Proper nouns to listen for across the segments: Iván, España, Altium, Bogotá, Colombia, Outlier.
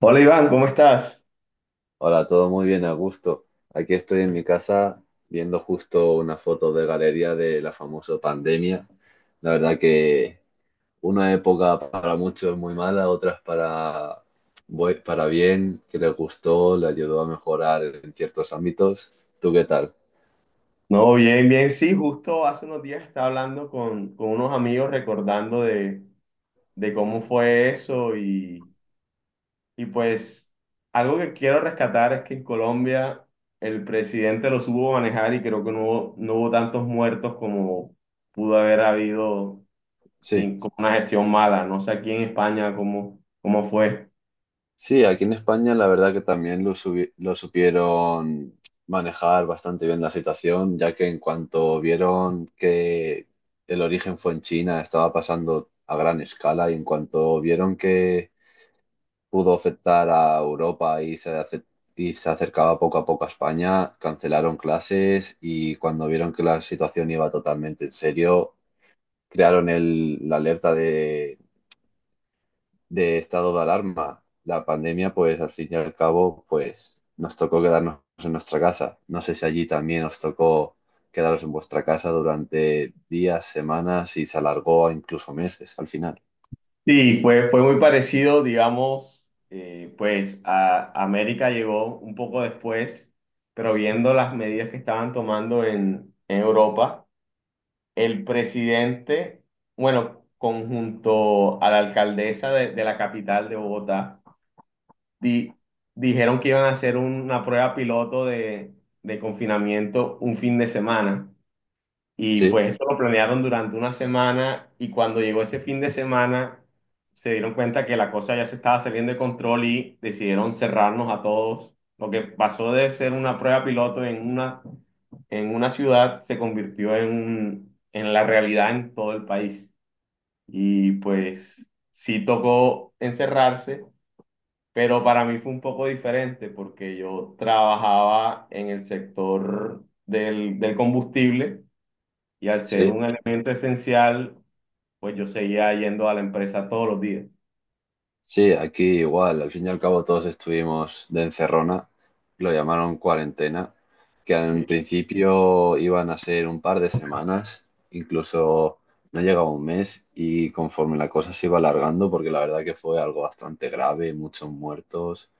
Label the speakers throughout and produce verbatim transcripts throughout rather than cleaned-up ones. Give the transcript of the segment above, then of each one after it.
Speaker 1: Hola Iván, ¿cómo estás?
Speaker 2: Hola, todo muy bien, a gusto. Aquí estoy en mi casa viendo justo una foto de galería de la famosa pandemia. La verdad que una época para muchos muy mala, otras para, bu- para bien, que les gustó, le ayudó a mejorar en ciertos ámbitos. ¿Tú qué tal?
Speaker 1: No, bien, bien. Sí, justo hace unos días estaba hablando con, con unos amigos recordando de, de cómo fue eso y, y pues algo que quiero rescatar es que en Colombia el presidente lo supo manejar y creo que no hubo, no hubo tantos muertos como pudo haber habido
Speaker 2: Sí.
Speaker 1: sin, con una gestión mala. No sé aquí en España cómo, cómo fue.
Speaker 2: Sí, aquí en España la verdad que también lo, subi- lo supieron manejar bastante bien la situación, ya que en cuanto vieron que el origen fue en China, estaba pasando a gran escala y en cuanto vieron que pudo afectar a Europa y se, ace- y se acercaba poco a poco a España, cancelaron clases y cuando vieron que la situación iba totalmente en serio, crearon el- la alerta de estado de alarma. La pandemia, pues al fin y al cabo, pues nos tocó quedarnos en nuestra casa. No sé si allí también os tocó quedaros en vuestra casa durante días, semanas y se alargó a incluso meses al final.
Speaker 1: Sí, fue, fue muy parecido, digamos, eh, pues a América llegó un poco después, pero viendo las medidas que estaban tomando en, en Europa, el presidente, bueno, conjunto a la alcaldesa de, de la capital de Bogotá, di- dijeron que iban a hacer una prueba piloto de, de confinamiento un fin de semana. Y
Speaker 2: Sí,
Speaker 1: pues eso lo planearon durante una semana y cuando llegó ese fin de semana se dieron cuenta que la cosa ya se estaba saliendo de control y decidieron cerrarnos a todos. Lo que pasó de ser una prueba piloto en una, en una ciudad se convirtió en, un- en la realidad en todo el país. Y pues sí tocó encerrarse, pero para mí fue un poco diferente porque yo trabajaba en el sector del, del combustible. Y al ser
Speaker 2: sí.
Speaker 1: un elemento esencial, pues yo seguía yendo a la empresa todos los días.
Speaker 2: Sí, aquí igual, al fin y al cabo todos estuvimos de encerrona, lo llamaron cuarentena, que en
Speaker 1: Sí.
Speaker 2: principio iban a ser un par de semanas, incluso no llegaba un mes y conforme la cosa se iba alargando, porque la verdad que fue algo bastante grave, muchos muertos,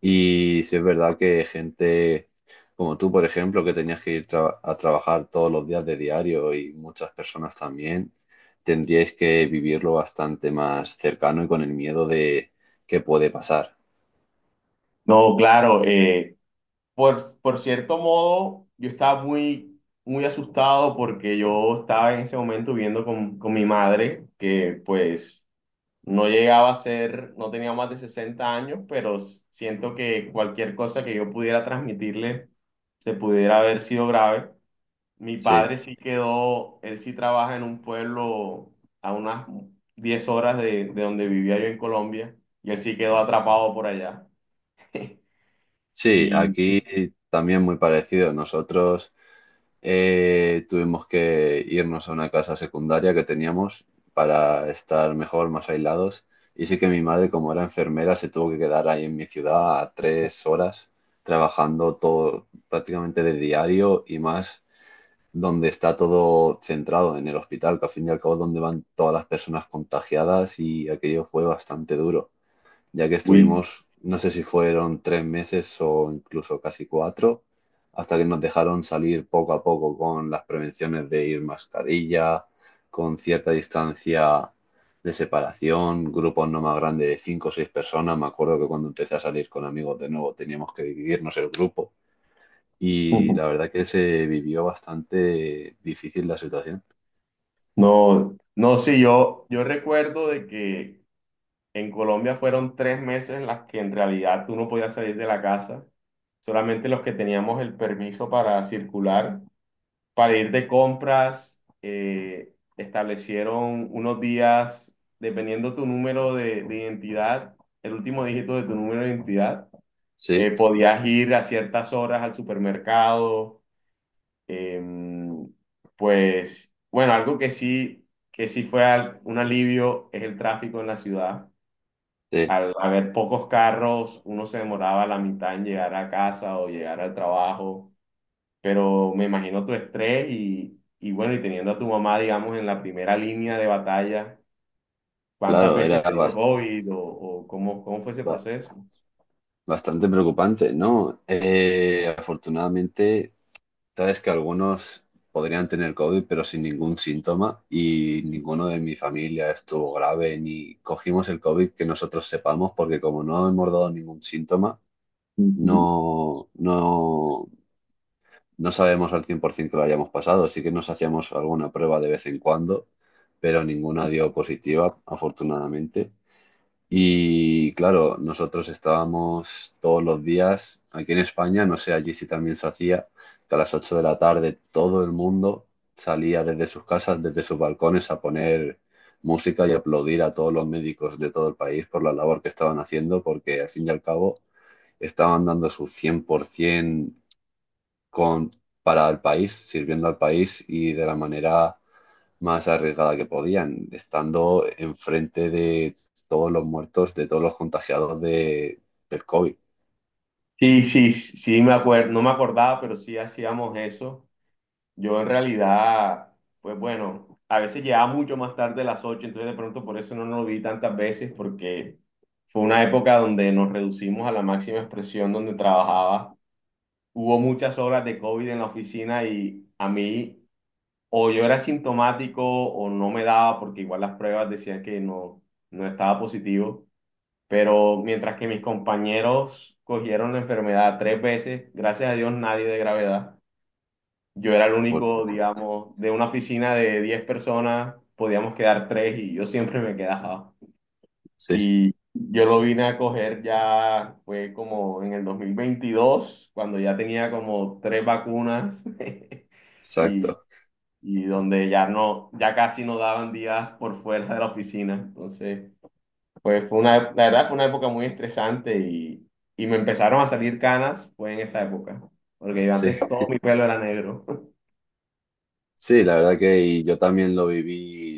Speaker 2: y si es verdad que gente como tú, por ejemplo, que tenías que ir tra- a trabajar todos los días de diario y muchas personas también, tendríais que vivirlo bastante más cercano y con el miedo de qué puede pasar.
Speaker 1: No, claro, eh, por, por cierto modo, yo estaba muy, muy asustado porque yo estaba en ese momento viviendo con, con mi madre, que pues no llegaba a ser, no tenía más de sesenta años, pero s- siento que cualquier cosa que yo pudiera transmitirle se pudiera haber sido grave. Mi
Speaker 2: Sí,
Speaker 1: padre sí quedó, él sí trabaja en un pueblo a unas diez horas de, de donde vivía yo en Colombia, y él sí quedó atrapado por allá.
Speaker 2: sí,
Speaker 1: Y,
Speaker 2: aquí también muy parecido. Nosotros eh, tuvimos que irnos a una casa secundaria que teníamos para estar mejor, más aislados. Y sí que mi madre, como era enfermera, se tuvo que quedar ahí en mi ciudad a tres horas trabajando todo prácticamente de diario y más donde está todo centrado en el hospital, que al fin y al cabo es donde van todas las personas contagiadas y aquello fue bastante duro ya que
Speaker 1: uy.
Speaker 2: estuvimos, no sé si fueron tres meses o incluso casi cuatro, hasta que nos dejaron salir poco a poco con las prevenciones de ir mascarilla, con cierta distancia de separación, grupos no más grandes de cinco o seis personas. Me acuerdo que cuando empecé a salir con amigos de nuevo teníamos que dividirnos el grupo y la verdad que se vivió bastante difícil la situación.
Speaker 1: No, no, sí, yo, yo recuerdo de que en Colombia fueron tres meses en las que en realidad tú no podías salir de la casa, solamente los que teníamos el permiso para circular para ir de compras. Eh, establecieron unos días, dependiendo tu número de, de identidad, el último dígito de tu número de identidad, eh,
Speaker 2: Sí,
Speaker 1: podías ir a ciertas horas al supermercado. em, pues, bueno, algo que sí, que sí fue al- un alivio es el tráfico en la ciudad.
Speaker 2: sí,
Speaker 1: Al haber pocos carros, uno se demoraba la mitad en llegar a casa o llegar al trabajo, pero me imagino tu estrés y, y bueno, y teniendo a tu mamá, digamos, en la primera línea de batalla, ¿cuántas
Speaker 2: claro,
Speaker 1: veces
Speaker 2: era
Speaker 1: te dio
Speaker 2: bastante
Speaker 1: COVID o, o cómo, cómo fue ese proceso?
Speaker 2: Bastante preocupante, ¿no? Eh, afortunadamente, sabes que algunos podrían tener COVID, pero sin ningún síntoma y ninguno de mi familia estuvo grave ni cogimos el COVID que nosotros sepamos, porque como no hemos dado ningún síntoma,
Speaker 1: Ujú.
Speaker 2: no, no, no sabemos al cien por ciento que lo hayamos pasado. Sí que nos hacíamos alguna prueba de vez en cuando, pero ninguna dio positiva, afortunadamente. Y claro, nosotros estábamos todos los días aquí en España, no sé, allí si también se hacía, que a las ocho de la tarde todo el mundo salía desde sus casas, desde sus balcones a poner música y aplaudir a todos los médicos de todo el país por la labor que estaban haciendo, porque al fin y al cabo estaban dando su cien por ciento con, para el país, sirviendo al país y de la manera más arriesgada que podían, estando enfrente de todos los muertos, de todos los contagiados de, del COVID,
Speaker 1: Sí, sí, sí, me acuerdo, no me acordaba, pero sí hacíamos eso. Yo en realidad, pues bueno, a veces llegaba mucho más tarde de las ocho, entonces de pronto por eso no nos vi tantas veces, porque fue una época donde nos reducimos a la máxima expresión donde trabajaba. Hubo muchas horas de COVID en la oficina y a mí o yo era asintomático o no me daba, porque igual las pruebas decían que no, no estaba positivo, pero mientras que mis compañeros cogieron la enfermedad tres veces, gracias a Dios nadie de gravedad, yo era el único,
Speaker 2: afortunadamente.
Speaker 1: digamos, de una oficina de diez personas, podíamos quedar tres y yo siempre me quedaba.
Speaker 2: Sí,
Speaker 1: Y yo lo vine a coger ya, fue como en el dos mil veintidós cuando ya tenía como tres vacunas. Y
Speaker 2: exacto.
Speaker 1: y donde ya no, ya casi no daban días por fuera de la oficina. Entonces, pues fue una, la verdad fue una época muy estresante y, y me empezaron a salir canas, fue en esa época, porque yo
Speaker 2: Sí,
Speaker 1: antes todo mi pelo era negro.
Speaker 2: sí, la verdad que y yo también lo viví,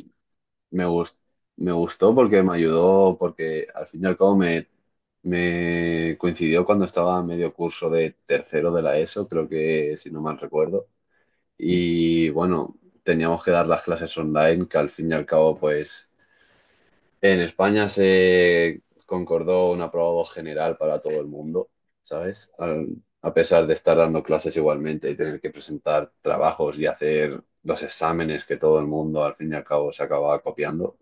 Speaker 2: me gustó, me gustó porque me ayudó, porque al fin y al cabo me, me coincidió cuando estaba a medio curso de tercero de la ESO, creo que si no mal recuerdo. Y bueno, teníamos que dar las clases online, que al fin y al cabo pues en España se concordó un aprobado general para todo el mundo, ¿sabes? Al- a pesar de estar dando clases igualmente y tener que presentar trabajos y hacer los exámenes que todo el mundo al fin y al cabo se acababa copiando,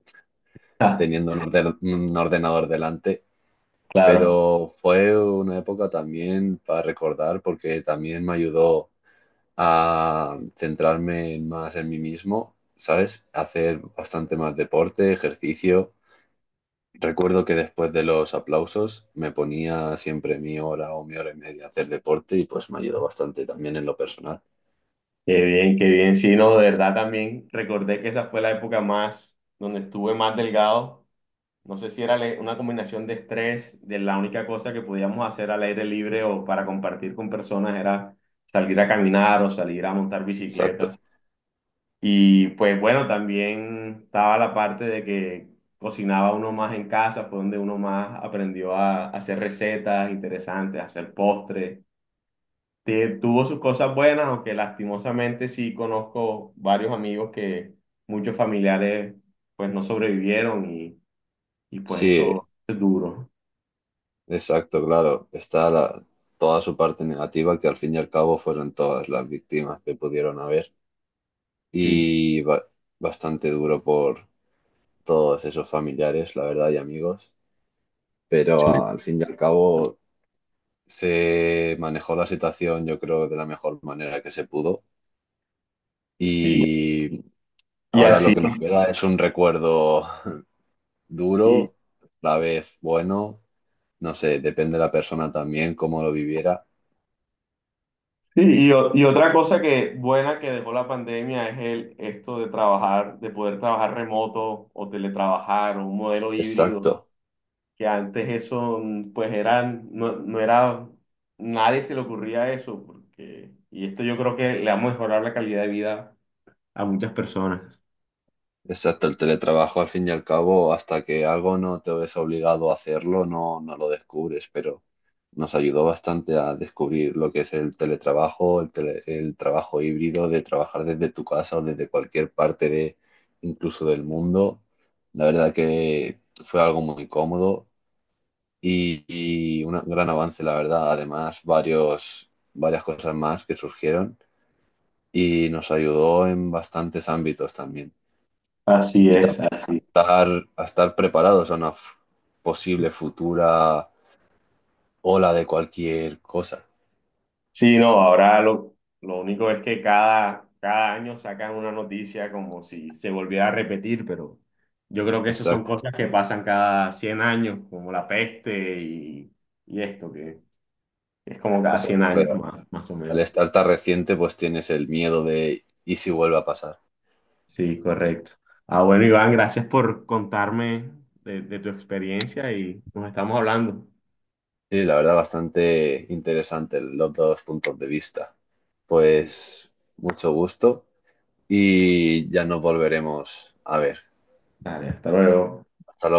Speaker 1: Ah,
Speaker 2: teniendo un, orden- un ordenador delante.
Speaker 1: claro,
Speaker 2: Pero fue una época también para recordar porque también me ayudó a centrarme más en mí mismo, ¿sabes? Hacer bastante más deporte, ejercicio. Recuerdo que después de los aplausos me ponía siempre mi hora o mi hora y media a hacer deporte y pues me ayudó bastante también en lo personal.
Speaker 1: qué bien, qué bien. Sí, no, de verdad también recordé que esa fue la época más, donde estuve más delgado. No sé si era le- una combinación de estrés; de la única cosa que podíamos hacer al aire libre o para compartir con personas era salir a caminar o salir a montar bicicleta.
Speaker 2: Exacto.
Speaker 1: Y pues bueno, también estaba la parte de que cocinaba uno más en casa, fue donde uno más aprendió a hacer recetas interesantes, a hacer postres. Te- tuvo sus cosas buenas, aunque lastimosamente sí conozco varios amigos que muchos familiares pues no sobrevivieron y, y pues
Speaker 2: Sí,
Speaker 1: eso es duro.
Speaker 2: exacto, claro. Está la- toda su parte negativa que al fin y al cabo fueron todas las víctimas que pudieron haber
Speaker 1: Sí.
Speaker 2: y ba- bastante duro por todos esos familiares, la verdad, y amigos. Pero
Speaker 1: Sí.
Speaker 2: al fin y al cabo se manejó la situación, yo creo, de la mejor manera que se pudo.
Speaker 1: Y,
Speaker 2: Y
Speaker 1: y
Speaker 2: ahora
Speaker 1: así.
Speaker 2: lo que nos queda es un recuerdo
Speaker 1: y,
Speaker 2: duro, a la vez bueno, no sé, depende de la persona también, cómo lo viviera.
Speaker 1: Sí. Y, o- y otra cosa que buena que dejó la pandemia es el esto de trabajar, de poder trabajar remoto o teletrabajar o un modelo híbrido,
Speaker 2: Exacto,
Speaker 1: que antes eso mm, pues eran, no, no era, nadie se le ocurría eso, porque, y esto yo creo que le va a mejorar la calidad de vida a muchas personas.
Speaker 2: exacto, el teletrabajo al fin y al cabo, hasta que algo no te ves obligado a hacerlo, no, no lo descubres, pero nos ayudó bastante a descubrir lo que es el teletrabajo, el, tele- el trabajo híbrido, de trabajar desde tu casa o desde cualquier parte de, incluso del mundo. La verdad que fue algo muy cómodo y, y un gran avance, la verdad. Además, varios, varias cosas más que surgieron y nos ayudó en bastantes ámbitos también.
Speaker 1: Así
Speaker 2: Y
Speaker 1: es,
Speaker 2: también
Speaker 1: así.
Speaker 2: estar, a estar preparados a una f- posible futura ola de cualquier cosa.
Speaker 1: Sí, no, ahora lo, lo único es que cada, cada año sacan una noticia como si se volviera a repetir, pero yo creo que esas son
Speaker 2: Exacto,
Speaker 1: cosas que pasan cada cien años, como la peste y, y esto, que es como cada cien
Speaker 2: exacto.
Speaker 1: años
Speaker 2: Pero
Speaker 1: más, más o
Speaker 2: al
Speaker 1: menos.
Speaker 2: estar tan reciente, pues tienes el miedo de ¿y si vuelve a pasar?
Speaker 1: Sí, correcto. Ah, bueno, Iván, gracias por contarme de, de tu experiencia y nos estamos hablando.
Speaker 2: Sí, la verdad, bastante interesante los dos puntos de vista.
Speaker 1: Sí.
Speaker 2: Pues mucho gusto y ya nos volveremos a ver.
Speaker 1: Dale, hasta luego.
Speaker 2: Hasta luego.